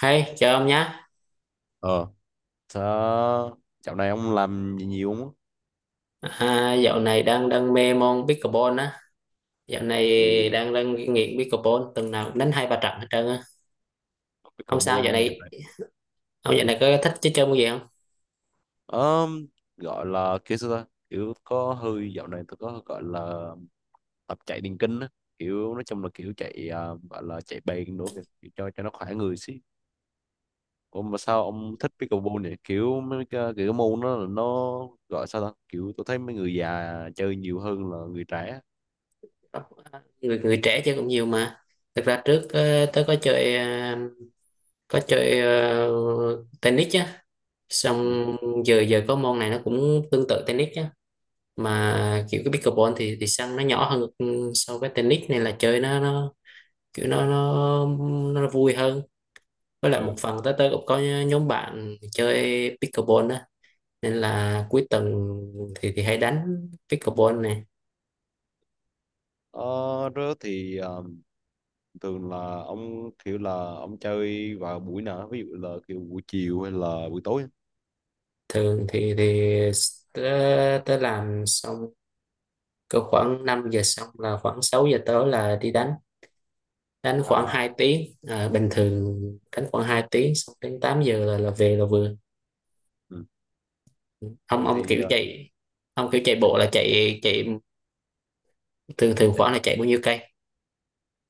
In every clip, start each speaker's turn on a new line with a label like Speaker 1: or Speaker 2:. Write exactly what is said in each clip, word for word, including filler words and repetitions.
Speaker 1: Hey, chào ông nhé.
Speaker 2: ờ Sao dạo này ông làm gì nhiều không á?
Speaker 1: À, dạo này đang đang mê môn pickleball á. Dạo này
Speaker 2: Ừ.
Speaker 1: đang đang nghiện pickleball, tuần nào cũng đánh hai ba trận hết trơn á. Ông sao dạo
Speaker 2: Pickleball dạo
Speaker 1: này?
Speaker 2: này.
Speaker 1: Ông dạo
Speaker 2: ờ
Speaker 1: này có thích chơi chơi môn gì không?
Speaker 2: Ờm, Gọi là kia sao ta, kiểu có hơi dạo này tôi có gọi là tập chạy điền kinh á, kiểu nói chung là kiểu chạy, à, gọi là chạy bền nữa kìa, kiểu cho cho nó khỏe người xí. Ủa mà sao ông thích pickleball vậy? Kiểu mấy cái, cái môn đó là nó gọi sao ta, kiểu tôi thấy mấy người già chơi nhiều hơn là người trẻ.
Speaker 1: Người người trẻ chơi cũng nhiều mà. Thực ra trước ờ, tớ có chơi ờ, có chơi ờ, tennis á.
Speaker 2: Ừ.
Speaker 1: Xong giờ giờ có môn này nó cũng tương tự tennis á. Mà kiểu cái pickleball thì thì sân nó nhỏ hơn ừ, so với tennis nên là chơi nó nó kiểu nó nó nó vui hơn, với lại một
Speaker 2: Ừ.
Speaker 1: phần tới tới cũng có nhóm bạn chơi pickleball á, nên là cuối tuần thì thì hay đánh pickleball này.
Speaker 2: Ờ, đó thì ờ, Thường là ông kiểu là ông chơi vào buổi nào? Ví dụ là kiểu buổi chiều hay là buổi tối?
Speaker 1: Thường thì thì tới, tới làm xong cỡ khoảng năm giờ, xong là khoảng sáu giờ tới là đi đánh, đánh khoảng
Speaker 2: À.
Speaker 1: hai tiếng à, bình thường đánh khoảng hai tiếng xong đến tám giờ là, là về là vừa.
Speaker 2: Ừ.
Speaker 1: ông
Speaker 2: tôi
Speaker 1: ông
Speaker 2: thì
Speaker 1: kiểu
Speaker 2: ờ,
Speaker 1: chạy, ông kiểu chạy
Speaker 2: chạy,
Speaker 1: bộ là chạy chạy thường thường
Speaker 2: chạy,
Speaker 1: khoảng là chạy bao nhiêu cây?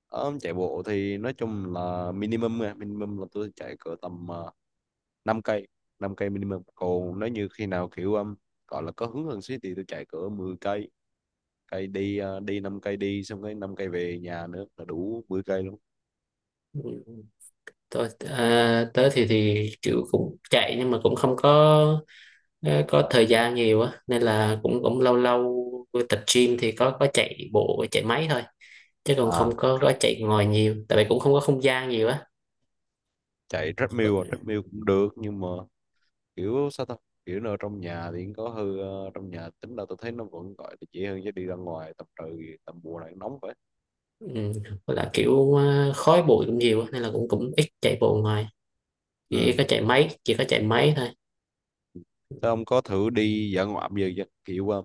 Speaker 2: ờ, chạy bộ thì nói chung là minimum nha, minimum là tôi chạy cỡ tầm uh, năm cây, năm cây minimum. Còn nếu như khi nào kiểu um, gọi là có hứng hơn xí thì tôi chạy cỡ mười cây, cây đi ờ, đi năm cây đi, xong cái năm cây về nhà nữa là đủ mười cây luôn.
Speaker 1: Ừ, tôi à, tới thì thì kiểu cũng chạy nhưng mà cũng không có, Ờ, có thời gian nhiều á, nên là cũng cũng lâu lâu tập gym thì có có chạy bộ chạy máy thôi, chứ còn
Speaker 2: À,
Speaker 1: không có có chạy ngoài nhiều tại vì cũng không có không gian nhiều á.
Speaker 2: chạy
Speaker 1: Có-
Speaker 2: treadmill à? Treadmill cũng được nhưng mà kiểu sao ta, kiểu nó trong nhà thì cũng có hư ờ, trong nhà tính là tôi thấy nó vẫn gọi là dễ hơn, chứ đi ra ngoài tầm trời tầm mùa này nóng vậy.
Speaker 1: ừ, với là kiểu ờ, khói bụi cũng nhiều á, nên là cũng cũng ít chạy bộ ngoài, chỉ
Speaker 2: Ừ.
Speaker 1: có chạy máy chỉ có chạy máy thôi.
Speaker 2: Thế ông có thử đi dã ngoại bây giờ chưa? kiểu ờ,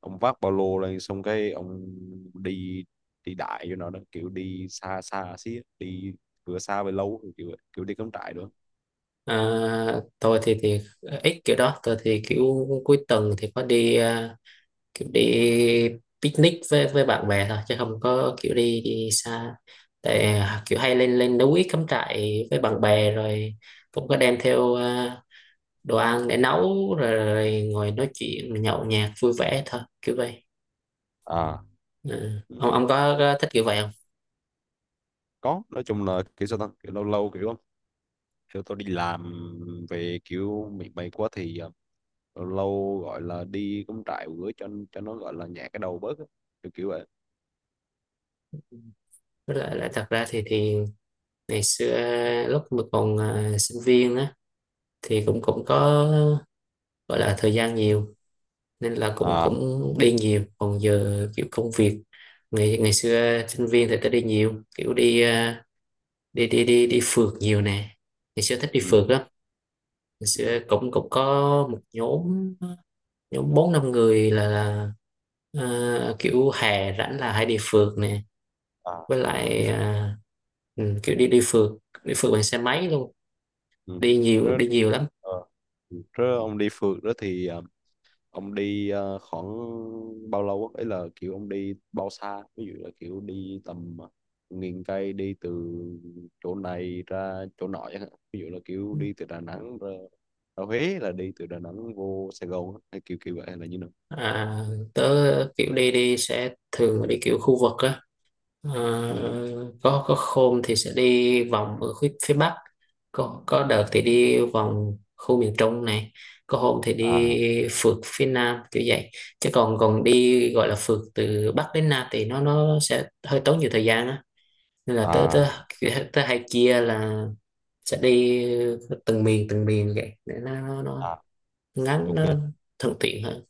Speaker 2: Ông vác ba lô lên xong cái ông đi, đi đại cho nó đó, kiểu đi xa xa xí á, đi vừa xa về lâu, kiểu kiểu đi cắm trại nữa.
Speaker 1: Ờ, tôi thì thì ít kiểu đó, tôi thì kiểu cuối tuần thì có đi ờ, kiểu đi picnic với với bạn bè thôi, chứ không có kiểu đi đi xa. Tại à, kiểu hay lên lên núi cắm trại với bạn bè, rồi cũng có đem theo à, đồ ăn để nấu rồi, rồi ngồi nói chuyện nhậu nhẹt vui vẻ thôi kiểu vậy.
Speaker 2: À.
Speaker 1: Ừ,
Speaker 2: Ừ,
Speaker 1: ông ông có, có thích kiểu vậy không?
Speaker 2: có, nói chung là kiểu sao ta, kiểu lâu lâu kiểu kiểu tôi đi làm về kiểu mệt mệt quá thì ờ, lâu gọi là đi cắm trại một bữa cho cho nó gọi là nhẹ cái đầu bớt á, kiểu kiểu vậy.
Speaker 1: Với lại, lại thật ra thì thì ngày xưa lúc mà còn à, sinh viên á, thì cũng cũng có gọi là thời gian nhiều, nên là cũng
Speaker 2: À.
Speaker 1: cũng đi nhiều, còn giờ kiểu công việc. Ngày ngày xưa sinh viên thì tôi đi nhiều kiểu đi à, đi đi đi đi phượt nhiều nè. Ngày xưa thích đi
Speaker 2: Ừ.
Speaker 1: phượt lắm. Ngày
Speaker 2: Ừ.
Speaker 1: xưa cũng cũng có một nhóm nhóm bốn năm người là, là à, kiểu hè rảnh là hay đi phượt nè.
Speaker 2: À.
Speaker 1: Với
Speaker 2: Đi
Speaker 1: lại
Speaker 2: ph-
Speaker 1: à, ừ, kiểu đi đi phượt, đi phượt bằng xe máy luôn.
Speaker 2: ừ.
Speaker 1: Đi nhiều
Speaker 2: Rồi,
Speaker 1: đi nhiều lắm.
Speaker 2: ờ, ừ. Rồi ông đi phượt đó thì ờ, ông đi ờ, khoảng bao lâu á, ấy là kiểu ông đi bao xa? Ví dụ là kiểu đi tầm ờ, nghìn cây, đi từ chỗ này ra chỗ nọ chẳng hạn. Ví dụ là kiểu đi từ Đà Nẵng ra, ra Huế, là đi từ Đà Nẵng vô Sài Gòn á, hay kiểu kiểu vậy hay là như nào?
Speaker 1: À, tớ kiểu đi đi sẽ thường đi kiểu khu vực á. Ờ,
Speaker 2: Ừ.
Speaker 1: có có hôm thì sẽ đi vòng ở phía, phía Bắc, có có đợt thì đi vòng khu miền Trung này, có hôm thì đi
Speaker 2: À.
Speaker 1: phượt phía Nam kiểu vậy. Chứ còn còn đi gọi là phượt từ Bắc đến Nam thì nó nó sẽ hơi tốn nhiều thời gian á. Nên là tớ tớ
Speaker 2: À.
Speaker 1: tớ hay chia là sẽ đi từng miền từng miền vậy, để nó nó, nó
Speaker 2: À.
Speaker 1: ngắn,
Speaker 2: Ok.
Speaker 1: nó thuận tiện hơn.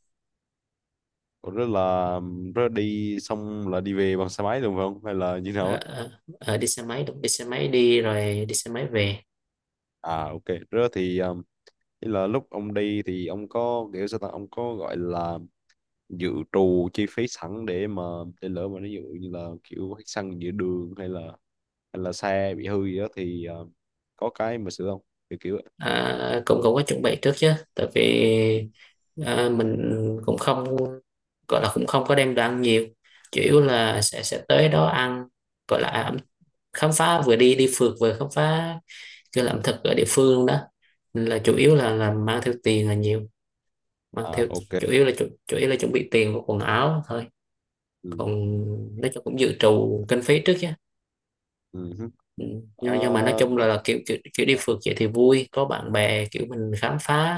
Speaker 2: Ủa, rất là rất là đi xong là đi về bằng xe máy đúng không, hay là như nào
Speaker 1: Ờ,
Speaker 2: á?
Speaker 1: ờ, ờ, đi xe máy đúng, đi xe máy đi rồi đi xe máy về.
Speaker 2: À, ok. Rất thì um, ý là lúc ông đi thì ông có kiểu sao ta, ông có gọi là dự trù chi phí sẵn để mà để lỡ mà ví dụ như là kiểu hết xăng giữa đường hay là hay là xe bị hư gì đó thì um, có cái mà sửa không, kiểu kiểu vậy.
Speaker 1: À, cũng cũng có chuẩn bị trước chứ, tại vì à, mình cũng không gọi là cũng không có đem đồ ăn nhiều, chủ yếu là sẽ sẽ tới đó ăn, gọi là à, khám phá, vừa đi đi phượt vừa khám phá cái ẩm thực ở địa phương luôn đó. Nên là chủ yếu là là mang theo tiền là nhiều, mang
Speaker 2: À,
Speaker 1: theo
Speaker 2: ok.
Speaker 1: chủ yếu là chủ, chủ yếu là chuẩn bị tiền và quần áo thôi.
Speaker 2: Ừ.
Speaker 1: Còn nói chung cũng dự trù kinh phí trước chứ.
Speaker 2: Ừ. Hứ.
Speaker 1: Ừ. nhưng, nhưng mà nói
Speaker 2: Ờ,
Speaker 1: chung
Speaker 2: nói
Speaker 1: là, là kiểu, kiểu kiểu đi phượt vậy thì vui, có bạn bè, kiểu mình khám phá,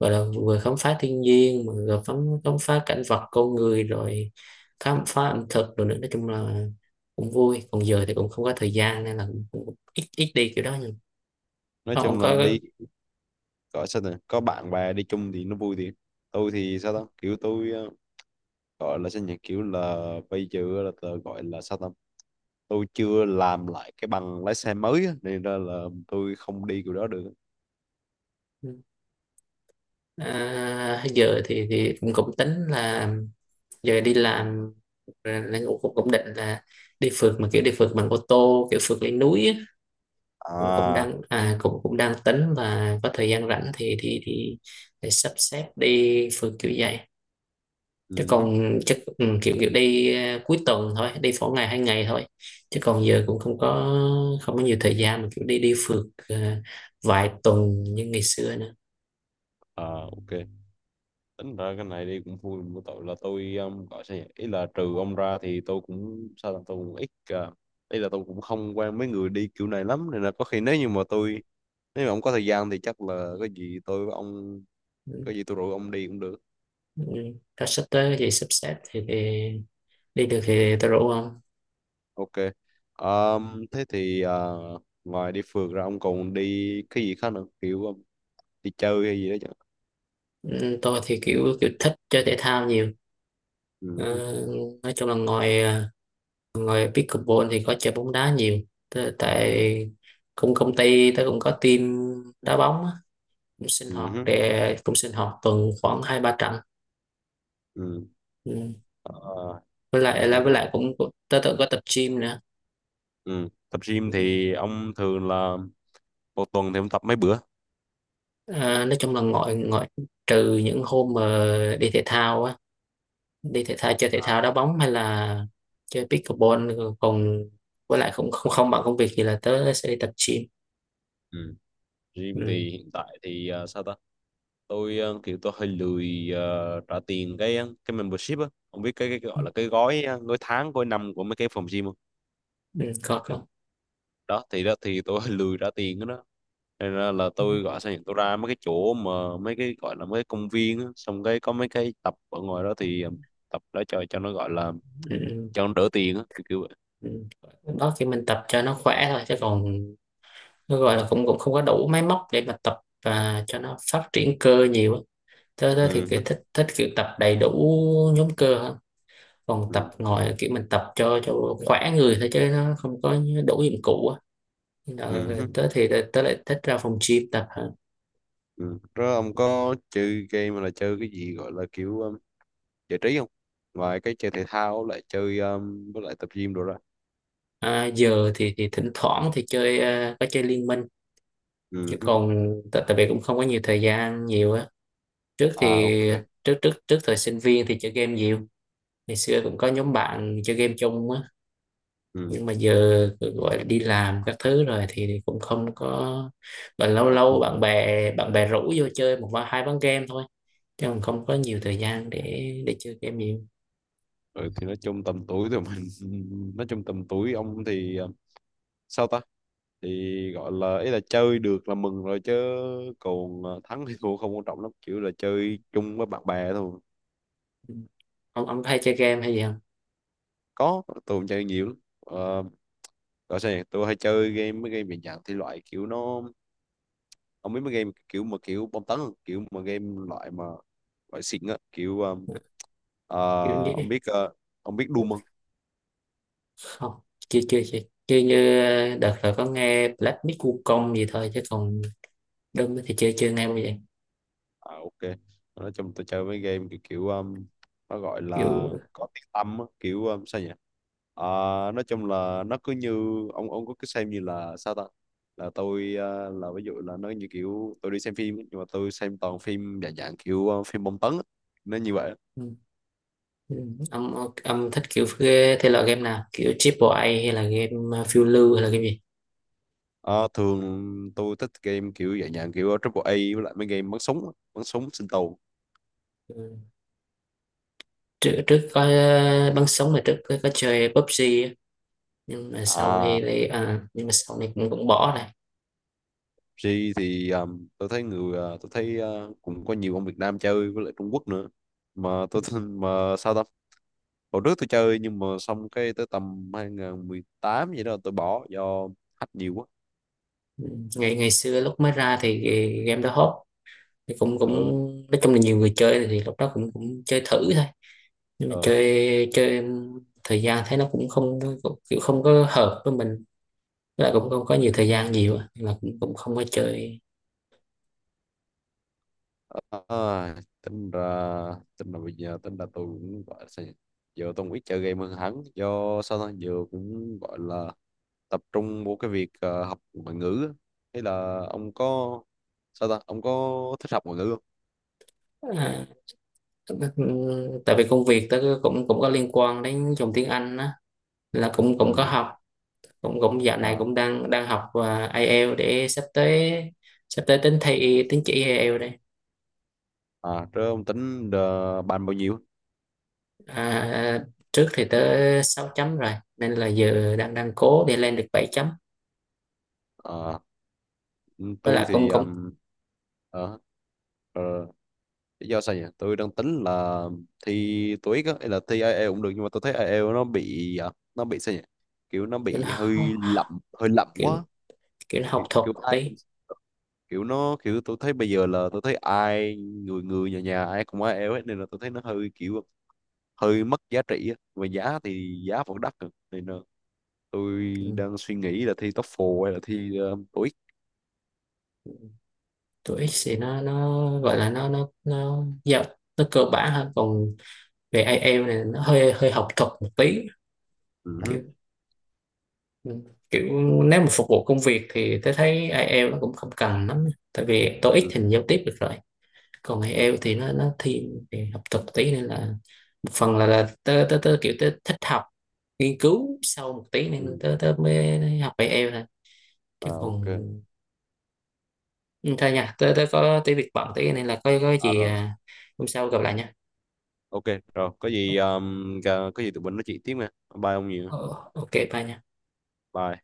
Speaker 1: gọi là vừa khám phá thiên nhiên mà vừa khám khám phá cảnh vật con người, rồi khám phá ẩm thực rồi nữa, nói chung là cũng vui. Còn giờ thì cũng không có thời gian, nên là cũng, cũng ít ít đi kiểu đó. Nhưng
Speaker 2: nói
Speaker 1: không, không
Speaker 2: chung là
Speaker 1: có.
Speaker 2: đi, gọi sao này có bạn bè đi chung thì nó vui thì tôi thì sao ta, kiểu tôi ờ, gọi là sao nhỉ, kiểu là bây giờ là tớ gọi là sao ta, tôi chưa làm lại cái bằng lái xe mới á, nên ra là tôi không đi kiểu đó được.
Speaker 1: À, giờ thì thì cũng cũng tính là giờ đi làm là cũng, cũng cũng định là đi phượt, mà kiểu đi phượt bằng ô tô, kiểu phượt lên núi á. Cũng cũng
Speaker 2: À.
Speaker 1: đang à, cũng cũng đang tính là có thời gian rảnh thì thì thì để sắp xếp đi phượt kiểu vậy. Chứ
Speaker 2: Ừ, hứ.
Speaker 1: còn chắc ừ, kiểu kiểu đi à, cuối tuần thôi, đi phỏ ngày hai ngày thôi, chứ còn giờ cũng không có, không có nhiều thời gian mà kiểu đi đi phượt à, vài tuần như ngày xưa nữa.
Speaker 2: À, ok. Tính ra cái này đi cũng vui, một tội là tôi um, gọi sao nhỉ, ý là trừ ông ra thì tôi cũng sao là tôi cũng ít uh, ý là tôi cũng không quen mấy người đi kiểu này lắm, nên là có khi nếu như mà tôi, nếu mà ông có thời gian thì chắc là có gì tôi với ông, có
Speaker 1: Ừ.
Speaker 2: gì tôi rủ ông đi cũng được.
Speaker 1: Ừ. Tao sắp tới thì sắp xếp thì, thì đi được thì tao rủ không?
Speaker 2: Ok. Ờm, thế thì ờ, ngoài đi phượt ra ông còn đi cái gì khác nữa, kiểu um, đi chơi hay gì đó chứ?
Speaker 1: Ừ, tôi thì kiểu kiểu thích chơi thể thao nhiều. Ờ,
Speaker 2: Ừ.
Speaker 1: nói chung là ngoài à, ngoài pickleball thì có chơi bóng đá nhiều. Tớ-
Speaker 2: Ừ.
Speaker 1: tại cũng công ty tớ cũng có team đá bóng á, cũng sinh hoạt
Speaker 2: Ừ.
Speaker 1: để cũng sinh hoạt tuần khoảng hai ba trận.
Speaker 2: Ừ.
Speaker 1: Ừ.
Speaker 2: Ờ,
Speaker 1: với lại là
Speaker 2: Tính.
Speaker 1: với lại cũng cũng- tớ tự có tập gym nữa.
Speaker 2: Ừ. Tập gym
Speaker 1: Ừ.
Speaker 2: thì ông thường là một tuần thì ông tập mấy bữa?
Speaker 1: À, nói chung là ngoại ngoại trừ những hôm mà đi thể thao á, đi thể thao chơi thể thao đá bóng hay là chơi pickleball, còn với lại không không không bằng công việc thì là tớ sẽ đi tập gym.
Speaker 2: Ừ. Gym
Speaker 1: Ừ.
Speaker 2: thì hiện tại thì ờ, sao ta? Tôi ờ, kiểu tôi hơi lười ờ, trả tiền cái ờ, cái membership á. Không biết cái cái gọi là cái gói ờ, gói tháng, gói năm của mấy cái phòng gym không?
Speaker 1: Ừ. Có không.
Speaker 2: Đó thì đó thì tôi lười ra tiền đó, đó. Nên là, là
Speaker 1: Ừ.
Speaker 2: tôi gọi sao nhỉ, tôi ra mấy cái chỗ mà mấy cái gọi là mấy cái công viên á, xong cái có mấy cái tập ở ngoài đó thì um, tập đó cho cho nó gọi là
Speaker 1: Ừ.
Speaker 2: cho nó đỡ tiền á, kiểu kiểu vậy.
Speaker 1: Ừ. Đó thì mình tập cho nó khỏe thôi, chứ còn nó gọi là cũng cũng không có đủ máy móc để mà tập và cho nó phát triển cơ nhiều á. Tớ tớ thì
Speaker 2: Ừ hứ.
Speaker 1: kiểu thích thích kiểu tập đầy đủ nhóm cơ hơn, còn tập
Speaker 2: Ừ.
Speaker 1: ngồi kiểu mình tập cho cho khỏe người thôi, chứ nó không có đủ dụng cụ á. Nên
Speaker 2: Ừ
Speaker 1: là
Speaker 2: hứ.
Speaker 1: tớ thì tớ, tớ lại thích ra phòng gym tập hơn.
Speaker 2: Ừ, rồi ông có chơi game, mà là chơi cái gì gọi là kiểu um, giải trí không, ngoài cái chơi thể thao lại chơi um, với lại tập gym đồ ra?
Speaker 1: À, giờ thì thì thỉnh thoảng thì chơi ờ, có chơi liên minh, chứ
Speaker 2: Ừ hứ.
Speaker 1: còn tại tại vì cũng không có nhiều thời gian nhiều á. Trước
Speaker 2: À,
Speaker 1: thì
Speaker 2: ok.
Speaker 1: trước trước trước thời sinh viên thì chơi game nhiều, ngày xưa cũng có nhóm bạn chơi game chung á,
Speaker 2: Ừ.
Speaker 1: nhưng mà giờ gọi là đi làm các thứ rồi thì cũng không có, và lâu
Speaker 2: À,
Speaker 1: lâu bạn
Speaker 2: không.
Speaker 1: bè bạn bè rủ vô chơi một ván hai ván game thôi, chứ còn không có nhiều thời gian để để chơi game nhiều.
Speaker 2: Ừ, thì nói chung tầm tuổi tụi mình nói chung tầm tuổi ông thì um, sao ta, thì gọi là ý là chơi được là mừng rồi, chứ còn ờ, thắng hay thua không quan trọng lắm, kiểu là chơi chung với bạn bè thôi.
Speaker 1: Ừ. ông ông có hay chơi game hay gì không?
Speaker 2: Có, tôi cũng chơi nhiều lắm ờ, gọi sao nhỉ? Tôi hay chơi game mấy game dạng dạng thì loại kiểu nó, không biết mấy game kiểu mà kiểu bom tấn không? Kiểu mà game loại mà loại xịn á, kiểu ờ,
Speaker 1: Kiểu
Speaker 2: ờ,
Speaker 1: như,
Speaker 2: ông biết ờ, ông biết đum không?
Speaker 1: không, chưa chưa chưa chơi, như đợt rồi có nghe Black Myth Wukong gì thôi, chứ còn Doom thì chưa chưa nghe bao giờ.
Speaker 2: À, ok. Nói chung tôi chơi mấy game kiểu, kiểu um, nó gọi là
Speaker 1: Kiểu
Speaker 2: có tiếng tăm á, kiểu um, sao nhỉ, à, nói chung là nó cứ như, ông ông có cứ xem như là sao ta, là tôi à, là ví dụ là nó như kiểu tôi đi xem phim ấy, nhưng mà tôi xem toàn phim dạng dạng kiểu ờ, phim bom tấn á, nó như vậy.
Speaker 1: ừ. Ừ, Ông, ông, ông thích kiểu ghê thể loại game nào, kiểu triple A hay là game uh, phiêu lưu hay là game gì?
Speaker 2: Ờ, thường tôi thích game kiểu dạng dạng kiểu triple A, với lại mấy game bắn súng á, bắn súng sinh tồn.
Speaker 1: Ừ. trước, trước có uh, bắn súng là trước có, có chơi pi u bi gi á. Nhưng mà sau
Speaker 2: À,
Speaker 1: này thì à, nhưng mà sau này cũng cũng bỏ này.
Speaker 2: G thì um, tôi thấy người ờ, tôi thấy ờ, cũng có nhiều ông Việt Nam chơi với lại Trung Quốc nữa, mà tôi thấy- mà sao ta, hồi trước tôi chơi nhưng mà xong cái tới tầm hai không một tám vậy đó tôi bỏ do hack nhiều quá.
Speaker 1: Ừ, ngày ngày xưa lúc mới ra thì cái game đó hot, thì cũng cũng
Speaker 2: Ừ.
Speaker 1: nói chung là nhiều người chơi, thì lúc đó cũng cũng chơi thử thôi, nhưng mà
Speaker 2: Ừ.
Speaker 1: chơi chơi thời gian thấy nó cũng không cũng, kiểu không có hợp với mình. Với lại cũng không có nhiều thời gian nhiều á. Nên là cũng cũng không có chơi.
Speaker 2: À, tính ra tính là bây giờ tính là tôi cũng gọi là sao nhỉ? Giờ tôi cũng ít chơi game hơn hẳn, do sao ta giờ cũng gọi là tập trung vô cái việc ờ, học ngoại ngữ á. Hay là ông có sao ta, ông có thích học ngoại ngữ không?
Speaker 1: Ờ, tại vì công việc tớ cũng cũng có liên quan đến dùng tiếng Anh á, là cũng cũng có
Speaker 2: Ừ.
Speaker 1: học, cũng cũng dạo này
Speaker 2: À.
Speaker 1: cũng đang đang học và ai eo, để sắp tới sắp tới tính thi tín chỉ ai eo đây.
Speaker 2: À, rồi ông tính ờ, bàn bao nhiêu?
Speaker 1: À, trước thì tới sáu chấm rồi nên là giờ đang đang cố để lên được bảy chấm,
Speaker 2: Ờ,
Speaker 1: với
Speaker 2: tôi
Speaker 1: lại cũng
Speaker 2: thì
Speaker 1: cũng
Speaker 2: um, ờ, ờ, lý do sao nhỉ, tôi đang tính là thi tô ích á hay là thi ai eo cũng được, nhưng mà tôi thấy ai eo nó bị ờ, nó bị sao nhỉ, kiểu nó
Speaker 1: kiểu
Speaker 2: bị hơi
Speaker 1: nó-
Speaker 2: lậm, hơi lậm
Speaker 1: kiểu
Speaker 2: quá,
Speaker 1: kiểu nó học
Speaker 2: kiểu,
Speaker 1: thuật
Speaker 2: kiểu ai
Speaker 1: tí.
Speaker 2: cũng, kiểu nó kiểu tôi thấy bây giờ là tôi thấy ai người người nhà nhà ai cũng ai eo hết, nên là tôi thấy nó hơi kiểu hơi mất giá trị á, mà giá thì giá vẫn đắt rồi. Nên là tôi
Speaker 1: Ừ,
Speaker 2: đang suy nghĩ là thi toefl hay là thi uh,
Speaker 1: tụi X thì nó nó gọi là nó nó nó dạ, nó cơ bản hơn, còn về ai IELTS này nó hơi hơi học thuật một tí.
Speaker 2: Ừ,
Speaker 1: Kiểu Kiểu nếu mà phục vụ công việc thì tôi thấy ai IELTS nó cũng không cần lắm, tại vì tô ích
Speaker 2: hứ,
Speaker 1: thì mình giao tiếp được rồi, còn ai
Speaker 2: ừ, ừ,
Speaker 1: IELTS thì nó nó thiên về học thuật một tí, nên là một phần là là tớ tớ, tớ kiểu tớ thích học nghiên cứu sâu một tí, nên
Speaker 2: ừ.
Speaker 1: tớ tớ mới học ai IELTS thôi. Chứ
Speaker 2: À,
Speaker 1: còn
Speaker 2: ok.
Speaker 1: ừ, thôi nha tớ tớ có tí việc bận tí, nên là có có
Speaker 2: À,
Speaker 1: gì
Speaker 2: rồi.
Speaker 1: à, hôm sau gặp lại nha.
Speaker 2: Ok, rồi. Có gì, um, có gì tụi mình nói chuyện tiếp nha. Bye ông nhiều.
Speaker 1: Ờ, ok bà nhỉ.
Speaker 2: Bye.